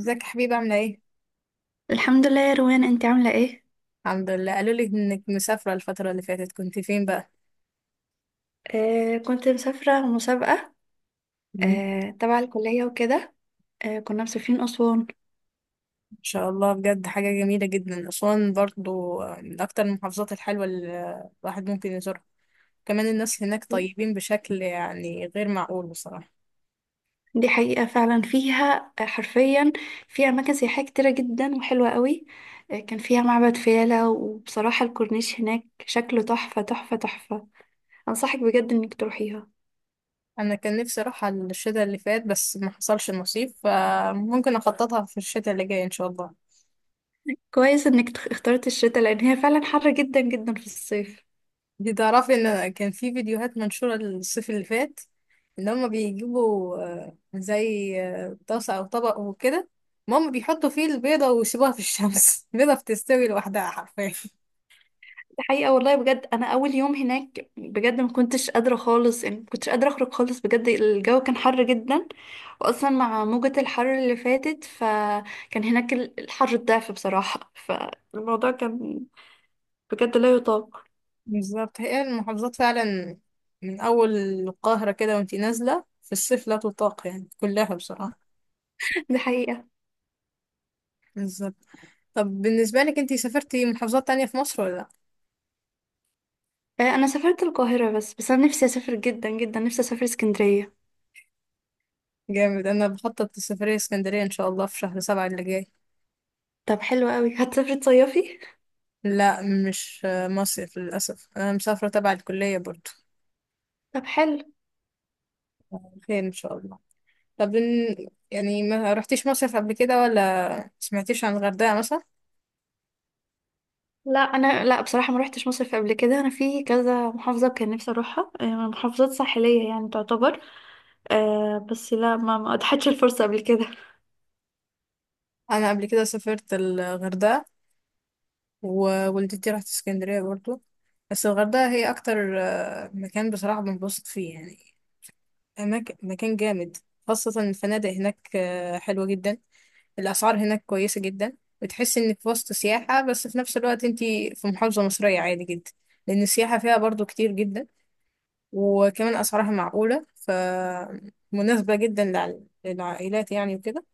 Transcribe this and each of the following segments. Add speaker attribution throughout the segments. Speaker 1: ازيك يا حبيبة عاملة ايه؟
Speaker 2: الحمد لله يا روان، انت عاملة ايه؟
Speaker 1: الحمد لله. قالوا لي انك مسافرة الفترة اللي فاتت، كنت فين بقى؟
Speaker 2: آه، كنت مسافرة مسابقة.
Speaker 1: مم.
Speaker 2: تبع الكلية وكده. كنا مسافرين أسوان.
Speaker 1: ان شاء الله، بجد حاجة جميلة جدا. أسوان برضو من أكتر المحافظات الحلوة اللي الواحد ممكن يزورها، كمان الناس هناك طيبين بشكل يعني غير معقول بصراحة.
Speaker 2: دي حقيقة فعلا، فيها حرفيا فيها أماكن سياحية كتيرة جدا وحلوة قوي. كان فيها معبد فيلة، وبصراحة الكورنيش هناك شكله تحفة تحفة تحفة. أنصحك بجد إنك تروحيها.
Speaker 1: أنا كان نفسي أروح على الشتاء اللي فات بس ما حصلش نصيب، فممكن أخططها في الشتاء اللي جاي إن شاء الله.
Speaker 2: كويس إنك اخترت الشتاء، لأن هي فعلا حر جدا جدا في الصيف.
Speaker 1: دي تعرفي ان كان في فيديوهات منشورة الصيف اللي فات ان هما بيجيبوا زي طاسة او طبق وكده، ماما بيحطوا فيه البيضة ويسيبوها في الشمس البيضة بتستوي لوحدها حرفيا.
Speaker 2: دي حقيقة والله، بجد أنا أول يوم هناك بجد ما كنتش قادرة خالص، يعني ما كنتش قادرة أخرج خالص، بجد الجو كان حر جدا. وأصلا مع موجة الحر اللي فاتت فكان هناك الحر الضعف بصراحة، فالموضوع كان بجد لا يطاق.
Speaker 1: بالظبط، هي المحافظات فعلا من اول القاهرة كده وانتي نازلة في الصيف لا تطاق يعني كلها بصراحة.
Speaker 2: دي حقيقة.
Speaker 1: بالظبط. طب بالنسبة لك انتي سافرتي محافظات تانية في مصر ولا لا؟
Speaker 2: أنا سافرت القاهرة بس. أنا نفسي أسافر جدا جدا، نفسي أسافر اسكندرية.
Speaker 1: جامد، انا بخطط لسفرية اسكندرية ان شاء الله في شهر 7 اللي جاي.
Speaker 2: طب حلو قوي، هتسافري تصيفي؟
Speaker 1: لا مش مصيف للأسف، أنا مسافرة تبع الكلية برضو.
Speaker 2: طب حلو.
Speaker 1: خير إن شاء الله. طب يعني ما رحتيش مصيف قبل كده ولا سمعتيش عن الغردقة مثلا؟
Speaker 2: لا، انا لا بصراحه ما روحتش مصيف قبل كده، انا في كذا محافظه كان نفسي اروحها، محافظات ساحليه يعني تعتبر. بس لا، ما اتحدش الفرصة قبل كده.
Speaker 1: أنا قبل كده سافرت الغردقة، ووالدتي راحت اسكندرية برضو. بس الغردقة هي أكتر مكان بصراحة بنبسط فيه يعني. أماكن، مكان جامد، خاصة الفنادق هناك حلوة جدا. الأسعار هناك كويسة جدا، بتحس إنك في وسط سياحة بس في نفس الوقت أنت في محافظة مصرية عادي جدا، لأن السياحة فيها برضو كتير جدا. وكمان أسعارها معقولة فمناسبة جدا للعائلات يعني وكده.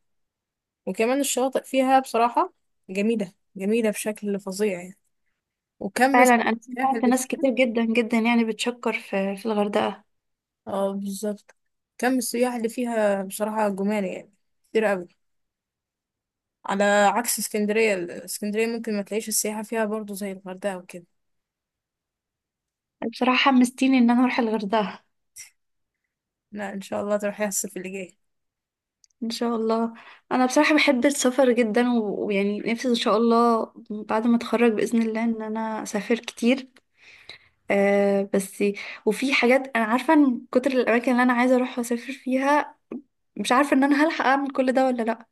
Speaker 1: وكمان الشواطئ فيها بصراحة جميلة جميلة بشكل فظيع يعني، وكم
Speaker 2: فعلا انا
Speaker 1: السياح
Speaker 2: سمعت
Speaker 1: اللي
Speaker 2: ناس كتير
Speaker 1: فيها.
Speaker 2: جدا جدا يعني بتشكر في الغردقة.
Speaker 1: اه بالظبط، كم السياح اللي فيها بصراحة جمال يعني، كتير أوي. على عكس اسكندرية، اسكندرية ممكن ما تلاقيش السياحة فيها برضو زي الغردقة وكده.
Speaker 2: بصراحة حمستيني ان انا اروح الغردقة.
Speaker 1: لا ان شاء الله تروحي الصيف اللي جاي.
Speaker 2: ان شاء الله. انا بصراحة بحب السفر جدا ويعني نفسي ان شاء الله بعد ما اتخرج بإذن الله ان انا اسافر كتير. آه بس وفي حاجات انا عارفة ان كتر الاماكن اللي انا عايزة اروح واسافر فيها، مش عارفة ان انا هلحق اعمل كل ده ولا لا.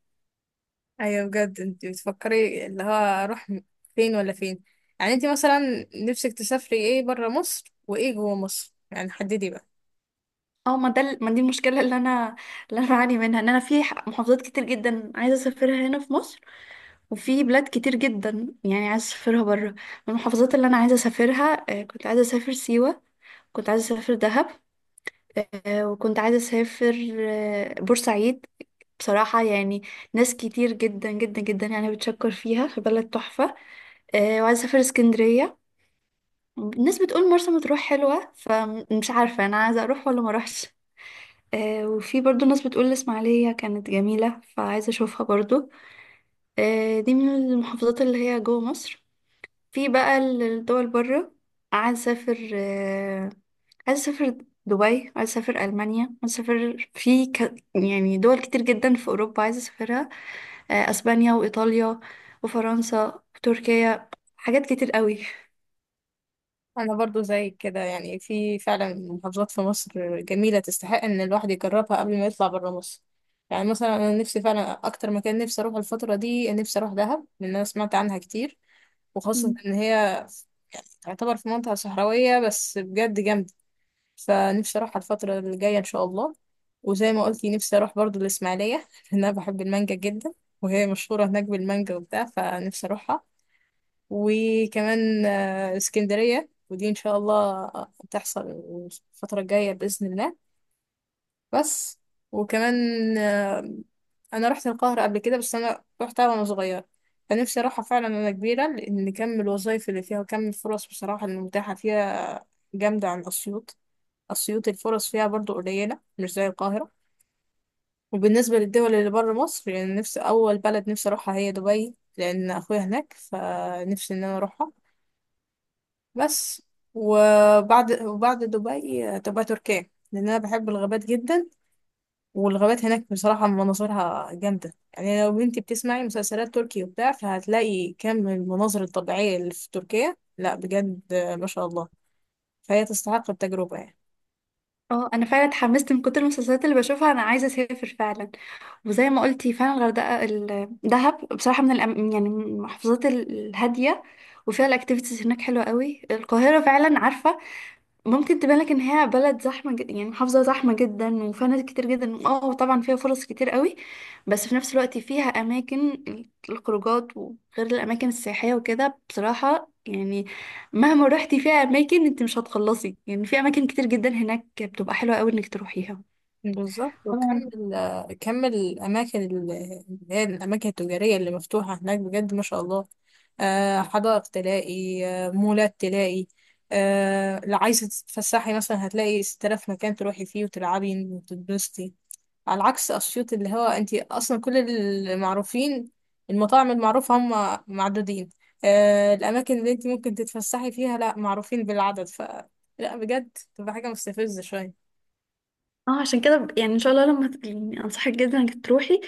Speaker 1: ايوه بجد، انت بتفكري اللي هو اروح فين ولا فين؟ يعني انت مثلا نفسك تسافري ايه برا مصر وايه جوه مصر؟ يعني حددي بقى.
Speaker 2: اه ما ده ال- ما دي المشكله اللي انا بعاني منها، ان انا في محافظات كتير جدا عايزه اسافرها هنا في مصر، وفي بلاد كتير جدا يعني عايزه اسافرها بره. من المحافظات اللي انا عايزه اسافرها، كنت عايزه اسافر سيوه، كنت عايزه اسافر دهب، وكنت عايزه اسافر بورسعيد. بصراحه يعني ناس كتير جدا جدا جدا يعني بتشكر فيها، في بلد تحفه. وعايزه اسافر اسكندريه. الناس بتقول مرسى مطروح حلوه، فمش عارفه انا عايزه اروح ولا ما اروحش. وفي برضو ناس بتقول الإسماعيلية كانت جميلة، فعايزة أشوفها برضو. دي من المحافظات اللي هي جوه مصر. في بقى الدول بره، عايزة أسافر، عايزة أسافر دبي، عايزة أسافر ألمانيا، عايزة أسافر يعني دول كتير جدا في أوروبا عايزة أسافرها. أسبانيا وإيطاليا وفرنسا وتركيا، حاجات كتير قوي.
Speaker 1: انا برضو زي كده، يعني في فعلا محافظات في مصر جميلة تستحق ان الواحد يجربها قبل ما يطلع برا مصر. يعني مثلا انا نفسي فعلا اكتر مكان نفسي اروح الفترة دي، نفسي اروح دهب لان انا سمعت عنها كتير، وخاصة ان هي يعني تعتبر في منطقة صحراوية بس بجد جامدة، فنفسي اروح على الفترة اللي جاية ان شاء الله. وزي ما قلتي نفسي اروح برضو الاسماعيلية لان انا بحب المانجا جدا، وهي مشهورة هناك بالمانجا وبتاع فنفسي اروحها. وكمان اسكندرية، ودي ان شاء الله تحصل الفترة الجاية بإذن الله. بس. وكمان آه، انا رحت القاهرة قبل كده بس انا رحتها وانا صغيرة، فنفسي اروحها فعلا وانا كبيرة، لان كم الوظايف اللي فيها وكم الفرص بصراحة المتاحة فيها جامدة عن أسيوط. أسيوط الفرص فيها برضو قليلة مش زي القاهرة. وبالنسبة للدول اللي بره مصر، يعني نفسي أول بلد نفسي أروحها هي دبي لأن أخويا هناك، فنفسي إن أنا أروحها. بس. وبعد دبي تبقى تركيا، لأن أنا بحب الغابات جدا، والغابات هناك بصراحة مناظرها جامدة. يعني لو بنتي بتسمعي مسلسلات تركي وبتاع فهتلاقي كم المناظر الطبيعية اللي في تركيا، لا بجد ما شاء الله، فهي تستحق التجربة يعني.
Speaker 2: اه انا فعلا اتحمست من كتر المسلسلات اللي بشوفها، انا عايزه اسافر فعلا. وزي ما قلتي فعلا الغردقه، دهب بصراحه من يعني من المحافظات الهاديه، وفيها الاكتيفيتيز هناك حلوه قوي. القاهره فعلا عارفه ممكن تبان لك ان هي بلد زحمه جدا، يعني محافظه زحمه جدا وفيها ناس كتير جدا. اه طبعا فيها فرص كتير قوي، بس في نفس الوقت فيها اماكن الخروجات، وغير الاماكن السياحيه وكده. بصراحه يعني مهما روحتي فيها اماكن انت مش هتخلصي، يعني في اماكن كتير جدا هناك بتبقى حلوه قوي انك تروحيها.
Speaker 1: بالظبط، وكم
Speaker 2: طبعا.
Speaker 1: كم الأماكن اللي هي الأماكن التجارية اللي مفتوحة هناك بجد ما شاء الله. حدائق تلاقي، مولات تلاقي، لو عايزة تتفسحي مثلا هتلاقي 6000 مكان تروحي فيه وتلعبي وتتبسطي. على عكس أسيوط اللي هو أنت أصلا كل المعروفين، المطاعم المعروفة هم معدودين، الأماكن اللي أنت ممكن تتفسحي فيها لا معروفين بالعدد، لا بجد تبقى حاجة مستفزة شوية.
Speaker 2: اه عشان كده، يعني ان شاء الله لما يعني انصحك جدا انك تروحي.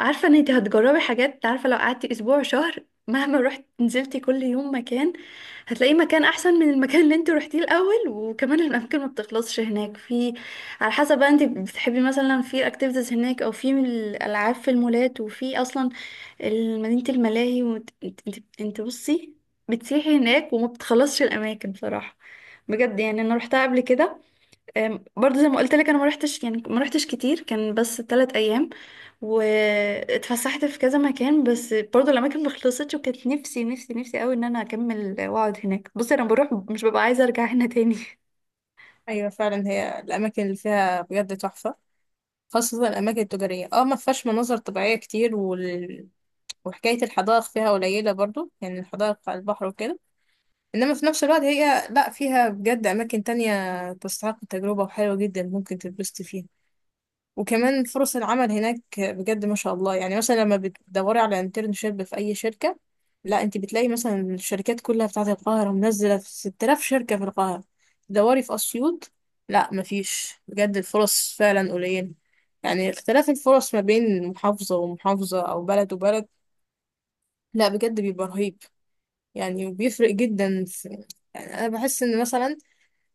Speaker 2: عارفه ان انت هتجربي حاجات، عارفه لو قعدتي اسبوع شهر مهما رحت نزلتي كل يوم مكان هتلاقي مكان احسن من المكان اللي انت روحتيه الاول. وكمان الاماكن ما بتخلصش هناك، في على حسب بقى انت بتحبي مثلا في اكتيفيتيز هناك، او في الالعاب في المولات، وفي اصلا مدينه الملاهي. وانت انت, انت انت بصي، بتسيحي هناك وما بتخلصش الاماكن بصراحه. بجد يعني انا روحتها قبل كده. برضه زي ما قلت لك، انا ما رحتش، يعني ما رحتش كتير، كان بس 3 ايام، واتفسحت في كذا مكان، بس برضه الاماكن ما خلصتش، وكانت نفسي نفسي نفسي قوي ان انا اكمل واقعد هناك. بصي، انا بروح مش ببقى عايزه ارجع هنا تاني.
Speaker 1: ايوه فعلا، هي الاماكن اللي فيها بجد تحفه، خاصه الاماكن التجاريه. اه ما فيهاش مناظر طبيعيه كتير، وحكايه الحدائق فيها قليله برضو، يعني الحدائق على البحر وكده. انما في نفس الوقت هي لا فيها بجد اماكن تانية تستحق التجربه وحلوه جدا ممكن تتبسط فيها. وكمان فرص العمل هناك بجد ما شاء الله، يعني مثلا لما بتدوري على انترنشيب في اي شركة، لا انت بتلاقي مثلا الشركات كلها بتاعت القاهرة منزلة في 6000 شركة في القاهرة. تدوري في اسيوط، لا مفيش، بجد الفرص فعلا قليلة. يعني اختلاف الفرص ما بين محافظة ومحافظة او بلد وبلد، لا بجد بيبقى رهيب، يعني وبيفرق جدا. في يعني انا بحس ان مثلا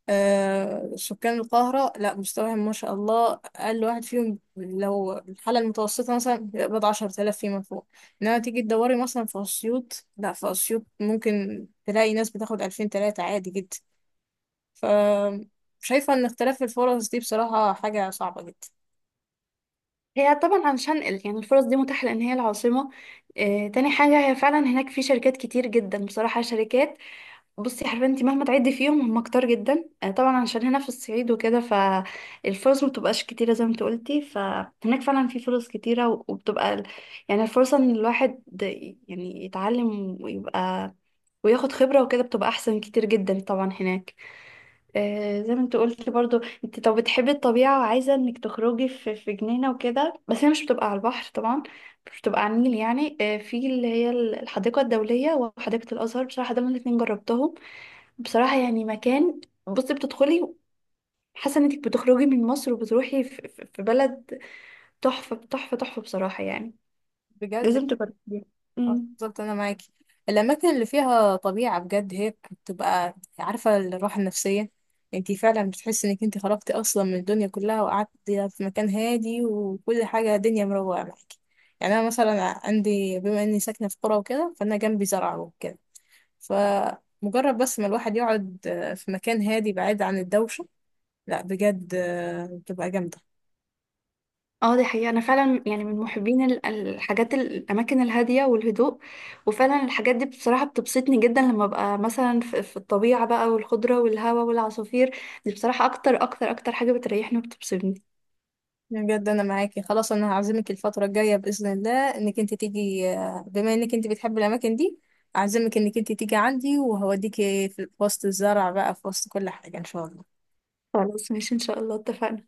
Speaker 1: سكان القاهرة، لا مستواهم ما شاء الله أقل واحد فيهم لو الحالة المتوسطة مثلا بيقبض 10,000 فيما فوق. إنما تيجي تدوري مثلا في أسيوط، لا في أسيوط ممكن تلاقي ناس بتاخد 2000، 3000 عادي جدا. ف شايفة إن اختلاف الفرص دي بصراحة حاجة صعبة جدا.
Speaker 2: هي طبعا علشان يعني الفرص دي متاحه لان هي العاصمه. تاني حاجه، هي فعلا هناك في شركات كتير جدا بصراحه شركات، بصي حرفيا انت مهما تعدي فيهم هم كتار جدا. طبعا عشان هنا في الصعيد وكده فالفرص ما بتبقاش كتيره زي ما انت قلتي، فهناك فعلا في فرص كتيره. وبتبقى يعني الفرصه ان الواحد يعني يتعلم ويبقى وياخد خبره وكده بتبقى احسن كتير جدا طبعا هناك. زي ما انت قلتي برضو، انت طب بتحبي الطبيعه وعايزه انك تخرجي في جنينه وكده، بس هي مش بتبقى على البحر طبعا، مش بتبقى على النيل. يعني في اللي هي الحديقه الدوليه وحديقه الازهر، بصراحه دول الاتنين جربتهم. بصراحة يعني مكان، بصي بتدخلي حاسة انك بتخرجي من مصر وبتروحي في بلد تحفة تحفة تحفة، بصراحة يعني
Speaker 1: بجد،
Speaker 2: لازم تجربيها.
Speaker 1: اه
Speaker 2: أمم.
Speaker 1: بالظبط انا معاكي. الاماكن اللي فيها طبيعه بجد هي بتبقى، عارفه، الراحه النفسيه. انتي فعلا بتحسي انك انتي خرجتي اصلا من الدنيا كلها وقعدتي في مكان هادي وكل حاجه دنيا مروقه معاكي. يعني انا مثلا عندي، بما اني ساكنه في قرى وكده، فانا جنبي زرع وكده. فمجرد بس ما الواحد يقعد في مكان هادي بعيد عن الدوشه، لا بجد بتبقى جامده.
Speaker 2: اه دي حقيقة، انا فعلا يعني من محبين الاماكن الهادية والهدوء. وفعلا الحاجات دي بصراحة بتبسطني جدا، لما ببقى مثلا في الطبيعة بقى، والخضرة والهواء والعصافير، دي بصراحة اكتر اكتر اكتر حاجة بتريحني وبتبسطني.
Speaker 1: بجد انا معاكي، خلاص انا هعزمك الفتره الجايه باذن الله انك انت تيجي، بما انك انت بتحبي الاماكن دي، اعزمك انك انت تيجي عندي، وهوديكي في وسط الزرع بقى، في وسط كل حاجه ان شاء الله.
Speaker 2: خلاص ماشي، ان شاء الله اتفقنا.